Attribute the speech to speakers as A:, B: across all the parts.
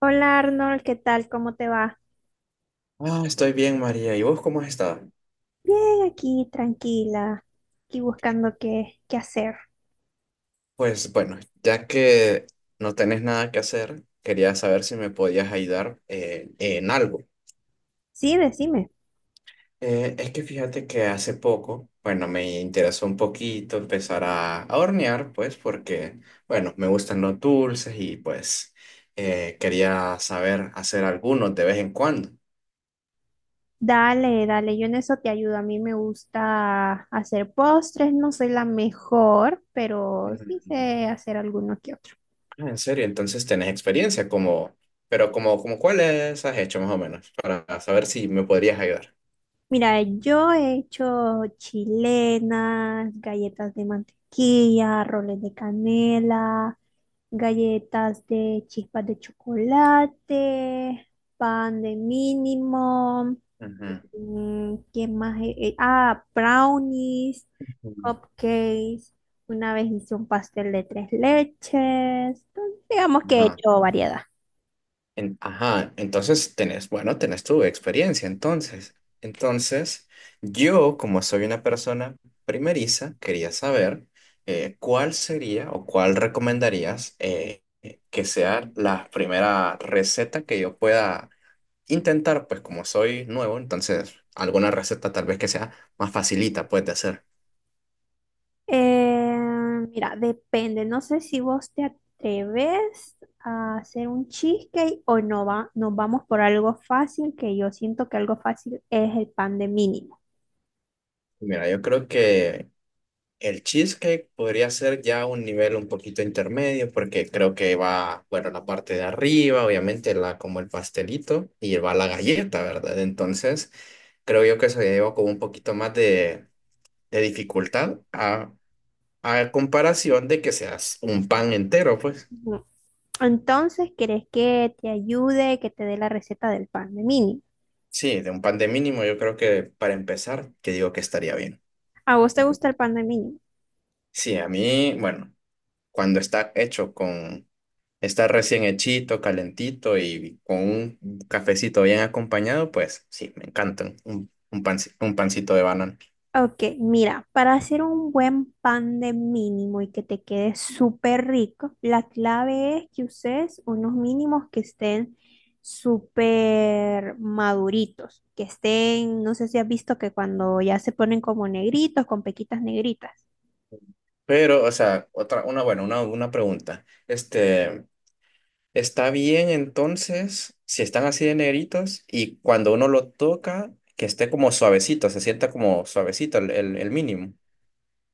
A: Hola Arnold, ¿qué tal? ¿Cómo te va?
B: Estoy bien, María. ¿Y vos cómo has estado?
A: Bien, aquí tranquila, aquí buscando qué hacer.
B: Pues bueno, ya que no tenés nada que hacer, quería saber si me podías ayudar en algo.
A: Sí, decime.
B: Es que fíjate que hace poco, bueno, me interesó un poquito empezar a hornear, pues porque, bueno, me gustan los dulces y pues quería saber hacer algunos de vez en cuando.
A: Dale, dale, yo en eso te ayudo. A mí me gusta hacer postres, no soy la mejor, pero sí
B: Ujú.
A: sé hacer algunos que otros.
B: Ah, en serio, pero como cuáles has hecho más o menos, para saber si me podrías ayudar.
A: Mira, yo he hecho chilenas, galletas de mantequilla, roles de canela, galletas de chispas de chocolate, pan de mínimo,
B: Ujú.
A: ¿qué más? Brownies, cupcakes. Una vez hice un pastel de tres leches. Entonces, digamos que he
B: Ajá.
A: hecho variedad.
B: Ajá, entonces tenés, bueno, tenés tu experiencia, entonces. Entonces, yo, como soy una persona primeriza, quería saber cuál sería o cuál recomendarías que sea la primera receta que yo pueda intentar, pues como soy nuevo, entonces alguna receta tal vez que sea más facilita, puedes hacer.
A: Eh, Mira, depende. No sé si vos te atreves a hacer un cheesecake o no va, nos vamos por algo fácil, que yo siento que algo fácil es el pan de mínimo.
B: Mira, yo creo que el cheesecake podría ser ya un nivel un poquito intermedio porque creo que va, bueno, la parte de arriba, obviamente, como el pastelito y va la galleta, ¿verdad? Entonces, creo yo que se lleva como un poquito más de dificultad a comparación de que seas un pan entero, pues.
A: Ujú. Entonces, ¿querés que te ayude, que te dé la receta del pan de mínimo?
B: Sí, de un pan de mínimo, yo creo que para empezar, que digo que estaría bien.
A: ¿A vos te gusta el pan de mínimo?
B: Sí, a mí, bueno, cuando está hecho con, está recién hechito, calentito y con un cafecito bien acompañado, pues sí, me encantan un pancito de banana.
A: Ok, mira, para hacer un buen pan de mínimo y que te quede súper rico, la clave es que uses unos mínimos que estén súper maduritos, que estén, no sé si has visto que cuando ya se ponen como negritos, con pequitas negritas.
B: Pero, o sea, otra, una, bueno, una pregunta. Este, ¿está bien entonces si están así de negritos y cuando uno lo toca, que esté como suavecito, se sienta como suavecito el mínimo?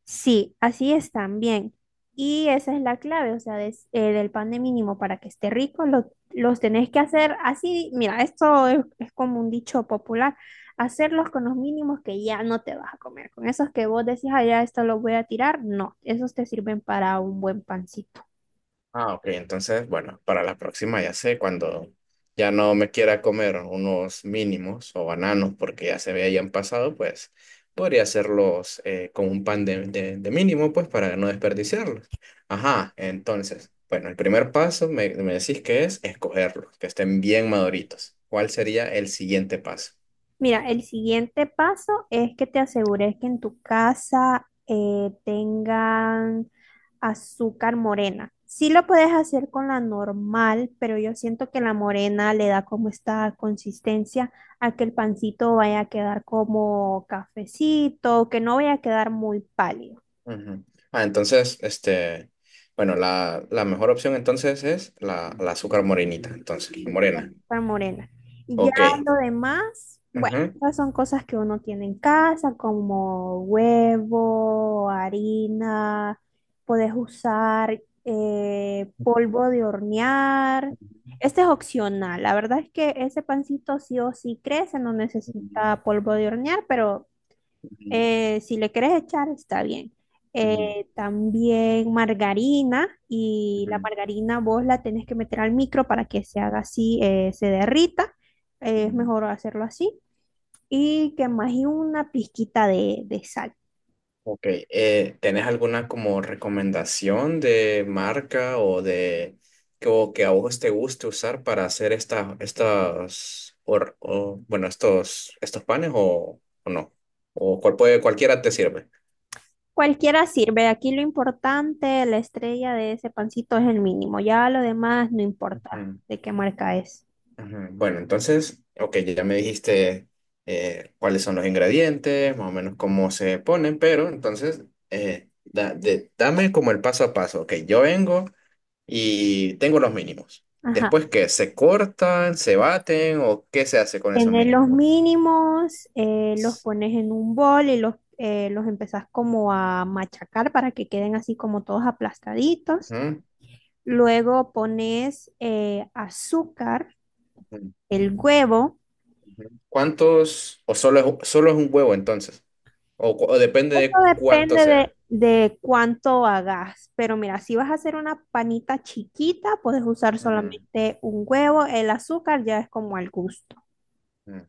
A: Sí, así es también. Y esa es la clave, o sea, del pan de mínimo para que esté rico, los tenés que hacer así. Mira, esto es como un dicho popular, hacerlos con los mínimos que ya no te vas a comer. Con esos que vos decís, ah, ya esto lo voy a tirar, no, esos te sirven para un buen pancito.
B: Ah, ok, entonces, bueno, para la próxima ya sé, cuando ya no me quiera comer unos mínimos o bananos porque ya se me hayan pasado, pues podría hacerlos con un pan de mínimo, pues para no desperdiciarlos. Ajá, entonces, bueno, el primer paso me decís que es escogerlos, que estén bien maduritos. ¿Cuál sería el siguiente paso?
A: Mira, el siguiente paso es que te asegures que en tu casa tengan azúcar morena. Sí lo puedes hacer con la normal, pero yo siento que la morena le da como esta consistencia a que el pancito vaya a quedar como cafecito, que no vaya a quedar muy pálido.
B: Ujú. Ah, entonces, este, bueno, la mejor opción entonces es la azúcar morenita, entonces, la
A: Sí,
B: morena.
A: estar morena. Y ya
B: Ok.
A: lo demás, bueno,
B: Ujú.
A: esas son cosas que uno tiene en casa, como huevo, harina, puedes usar polvo de hornear. Este es opcional. La verdad es que ese pancito sí o sí crece, no
B: Ujú,
A: necesita polvo de hornear, pero
B: ujú,
A: si le quieres echar, está bien.
B: ujú,
A: También margarina y la
B: ujú,
A: margarina vos la tenés que meter al micro para que se haga así, se derrita. Es
B: ujú.
A: mejor hacerlo así. Y que más y una pizquita de sal.
B: Ok, ¿tenés alguna como recomendación de marca o de que, o que a vos te guste usar para hacer esta, estas, or- o, bueno, estos, estos panes o no? ¿O cual puede, cualquiera te sirve?
A: Cualquiera sirve. Aquí lo importante, la estrella de ese pancito es el mínimo. Ya lo demás no importa
B: Ujú,
A: de qué marca es.
B: ujú. Bueno, entonces, ok, ya me dijiste cuáles son los ingredientes, más o menos cómo se ponen, pero entonces, dame como el paso a paso, ok, yo vengo y tengo los mínimos.
A: Ajá.
B: Después, ¿qué? ¿Se cortan, se baten o qué se hace con esos
A: Tener los
B: mínimos?
A: mínimos, los pones en un bol y los empezás como a machacar para que queden así como todos aplastaditos.
B: Ujú.
A: Luego pones azúcar,
B: Ujú.
A: el huevo.
B: ¿Cuántos? ¿O solo es un huevo entonces? O depende
A: Esto
B: de cuánto
A: depende
B: sea.
A: de cuánto hagas, pero mira, si vas a hacer una panita chiquita, puedes usar
B: Ujú,
A: solamente un huevo, el azúcar ya es como al gusto.
B: ujú.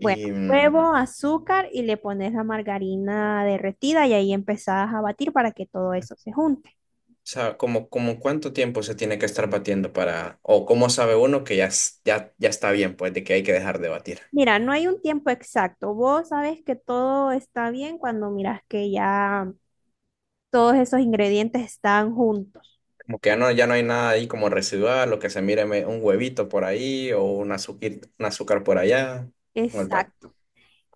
A: Bueno,
B: o
A: huevo, azúcar y le pones la margarina derretida y ahí empezás a batir para que todo eso se junte.
B: sea, como cuánto tiempo se tiene que estar batiendo para, o cómo sabe uno que ya, ya está bien, pues, de que hay que dejar de batir.
A: Mira, no hay un tiempo exacto. Vos sabes que todo está bien cuando miras que ya todos esos ingredientes están juntos.
B: Como que ya no, ya no hay nada ahí como residual, lo que se mire un huevito por ahí o un azúcar por allá, o el
A: Exacto.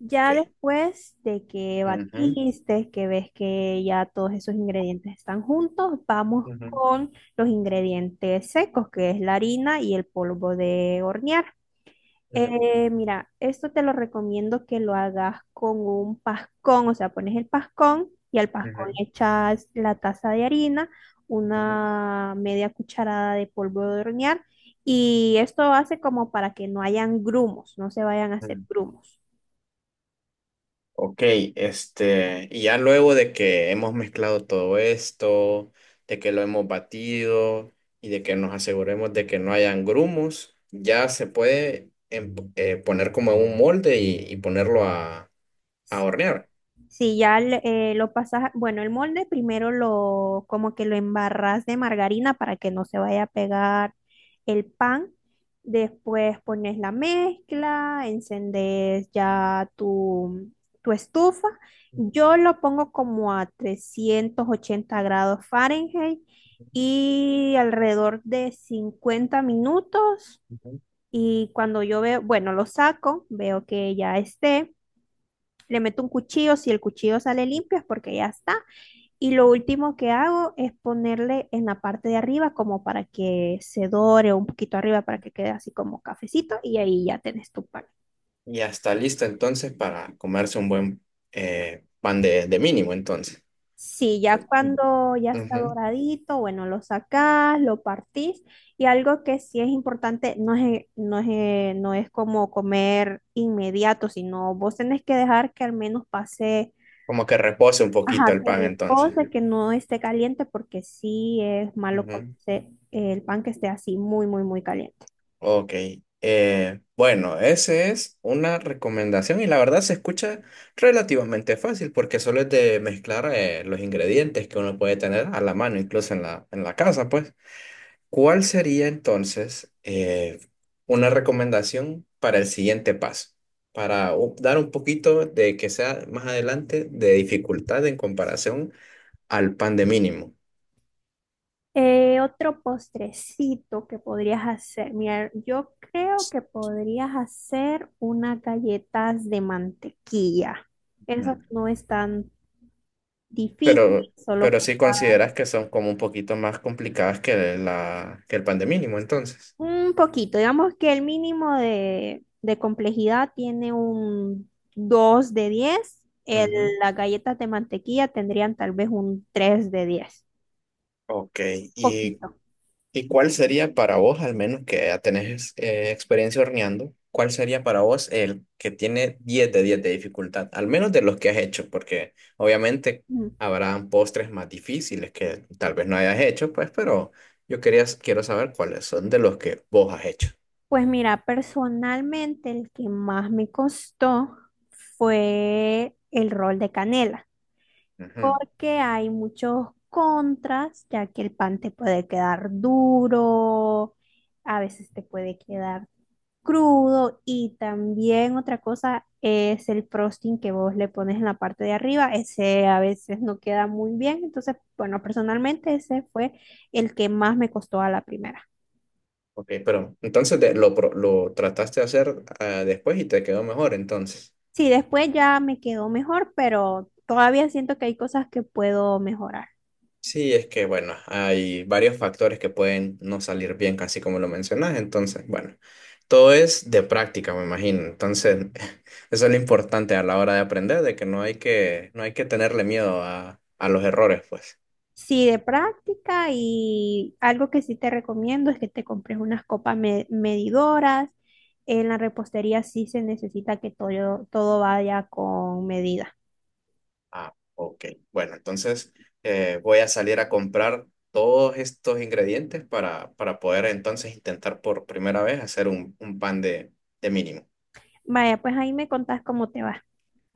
B: ok.
A: después de que
B: Ujú,
A: batiste, que ves que ya todos esos ingredientes están juntos, vamos
B: ujú,
A: con los ingredientes secos, que es la harina y el polvo de hornear.
B: ujú,
A: Mira, esto te lo recomiendo que lo hagas con un pascón, o sea, pones el pascón y al pascón
B: ujú,
A: le echas la taza de harina,
B: ujú,
A: una media cucharada de polvo de hornear y esto hace como para que no hayan grumos, no se vayan a hacer
B: ujú.
A: grumos.
B: Ok, este, y ya luego de que hemos mezclado todo esto, de que lo hemos batido y de que nos aseguremos de que no hayan grumos, ya se puede poner como en un molde y ponerlo a hornear.
A: Si lo pasas, bueno, el molde primero lo, como que lo embarras de margarina para que no se vaya a pegar el pan. Después pones la mezcla, encendes ya tu estufa. Yo lo pongo como a 380 grados Fahrenheit y alrededor de 50 minutos.
B: Ujú.
A: Y cuando yo veo, bueno, lo saco, veo que ya esté, le meto un cuchillo, si el cuchillo sale limpio es porque ya está. Y lo último que hago es ponerle en la parte de arriba como para que se dore un poquito arriba para que quede así como cafecito y ahí ya tenés tu pan.
B: Y ya está listo entonces para comerse un buen pan de mínimo entonces.
A: Sí, ya cuando ya está
B: Ujú.
A: doradito, bueno, lo sacás, lo partís y algo que sí es importante, no es como comer inmediato, sino vos tenés que dejar que al menos pase.
B: Como que repose un poquito
A: Ajá,
B: el
A: que
B: pan entonces.
A: repose, que no esté caliente, porque sí es malo
B: Ujú.
A: comerse el pan que esté así muy, muy, muy caliente.
B: Ok, bueno, esa es una recomendación y la verdad se escucha relativamente fácil porque solo es de mezclar los ingredientes que uno puede tener a la mano, incluso en en la casa, pues. ¿Cuál sería entonces una recomendación para el siguiente paso? Dar un poquito de que sea más adelante de dificultad en comparación al pan de mínimo.
A: Otro postrecito que podrías hacer. Mira, yo creo que podrías hacer unas galletas de mantequilla. Esas no es tan difícil,
B: Pero,
A: solo
B: pero
A: con.
B: sí consideras que son como un poquito más complicadas que que el pan de mínimo, entonces.
A: Un poquito, digamos que el mínimo de complejidad tiene un 2 de 10,
B: Ujú.
A: las galletas de mantequilla tendrían tal vez un 3 de 10
B: Ok, ¿y,
A: poquito.
B: y cuál sería para vos, al menos que ya tenés experiencia horneando, cuál sería para vos el que tiene 10 de 10 de dificultad, al menos de los que has hecho? Porque obviamente
A: Mm.
B: habrán postres más difíciles que tal vez no hayas hecho, pues, pero quiero saber cuáles son de los que vos has hecho.
A: Pues mira, personalmente el que más me costó fue el rol de canela, porque hay muchos contras, ya que el pan te puede quedar duro, a veces te puede quedar crudo y también otra cosa es el frosting que vos le pones en la parte de arriba, ese a veces no queda muy bien, entonces, bueno, personalmente ese fue el que más me costó a la primera.
B: Ok, pero entonces lo trataste de hacer ah, después y te quedó mejor entonces.
A: Sí, después ya me quedó mejor, pero todavía siento que hay cosas que puedo mejorar.
B: Sí, es que bueno, hay varios factores que pueden no salir bien, casi como lo mencionas. Entonces, bueno, todo es de práctica, me imagino. Entonces, eso es lo importante a la hora de aprender, de que no hay que, no hay que tenerle miedo a los errores, pues.
A: Sí, de práctica y algo que sí te recomiendo es que te compres unas copas medidoras. En la repostería sí se necesita que todo, todo vaya con medida.
B: Ah, ok. Bueno, entonces voy a salir a comprar todos estos ingredientes para poder entonces intentar por primera vez hacer un pan de mínimo.
A: Vaya, pues ahí me contás cómo te va.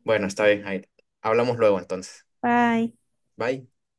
B: Bueno, está bien, Jair. Hablamos luego entonces.
A: Bye.
B: Bye.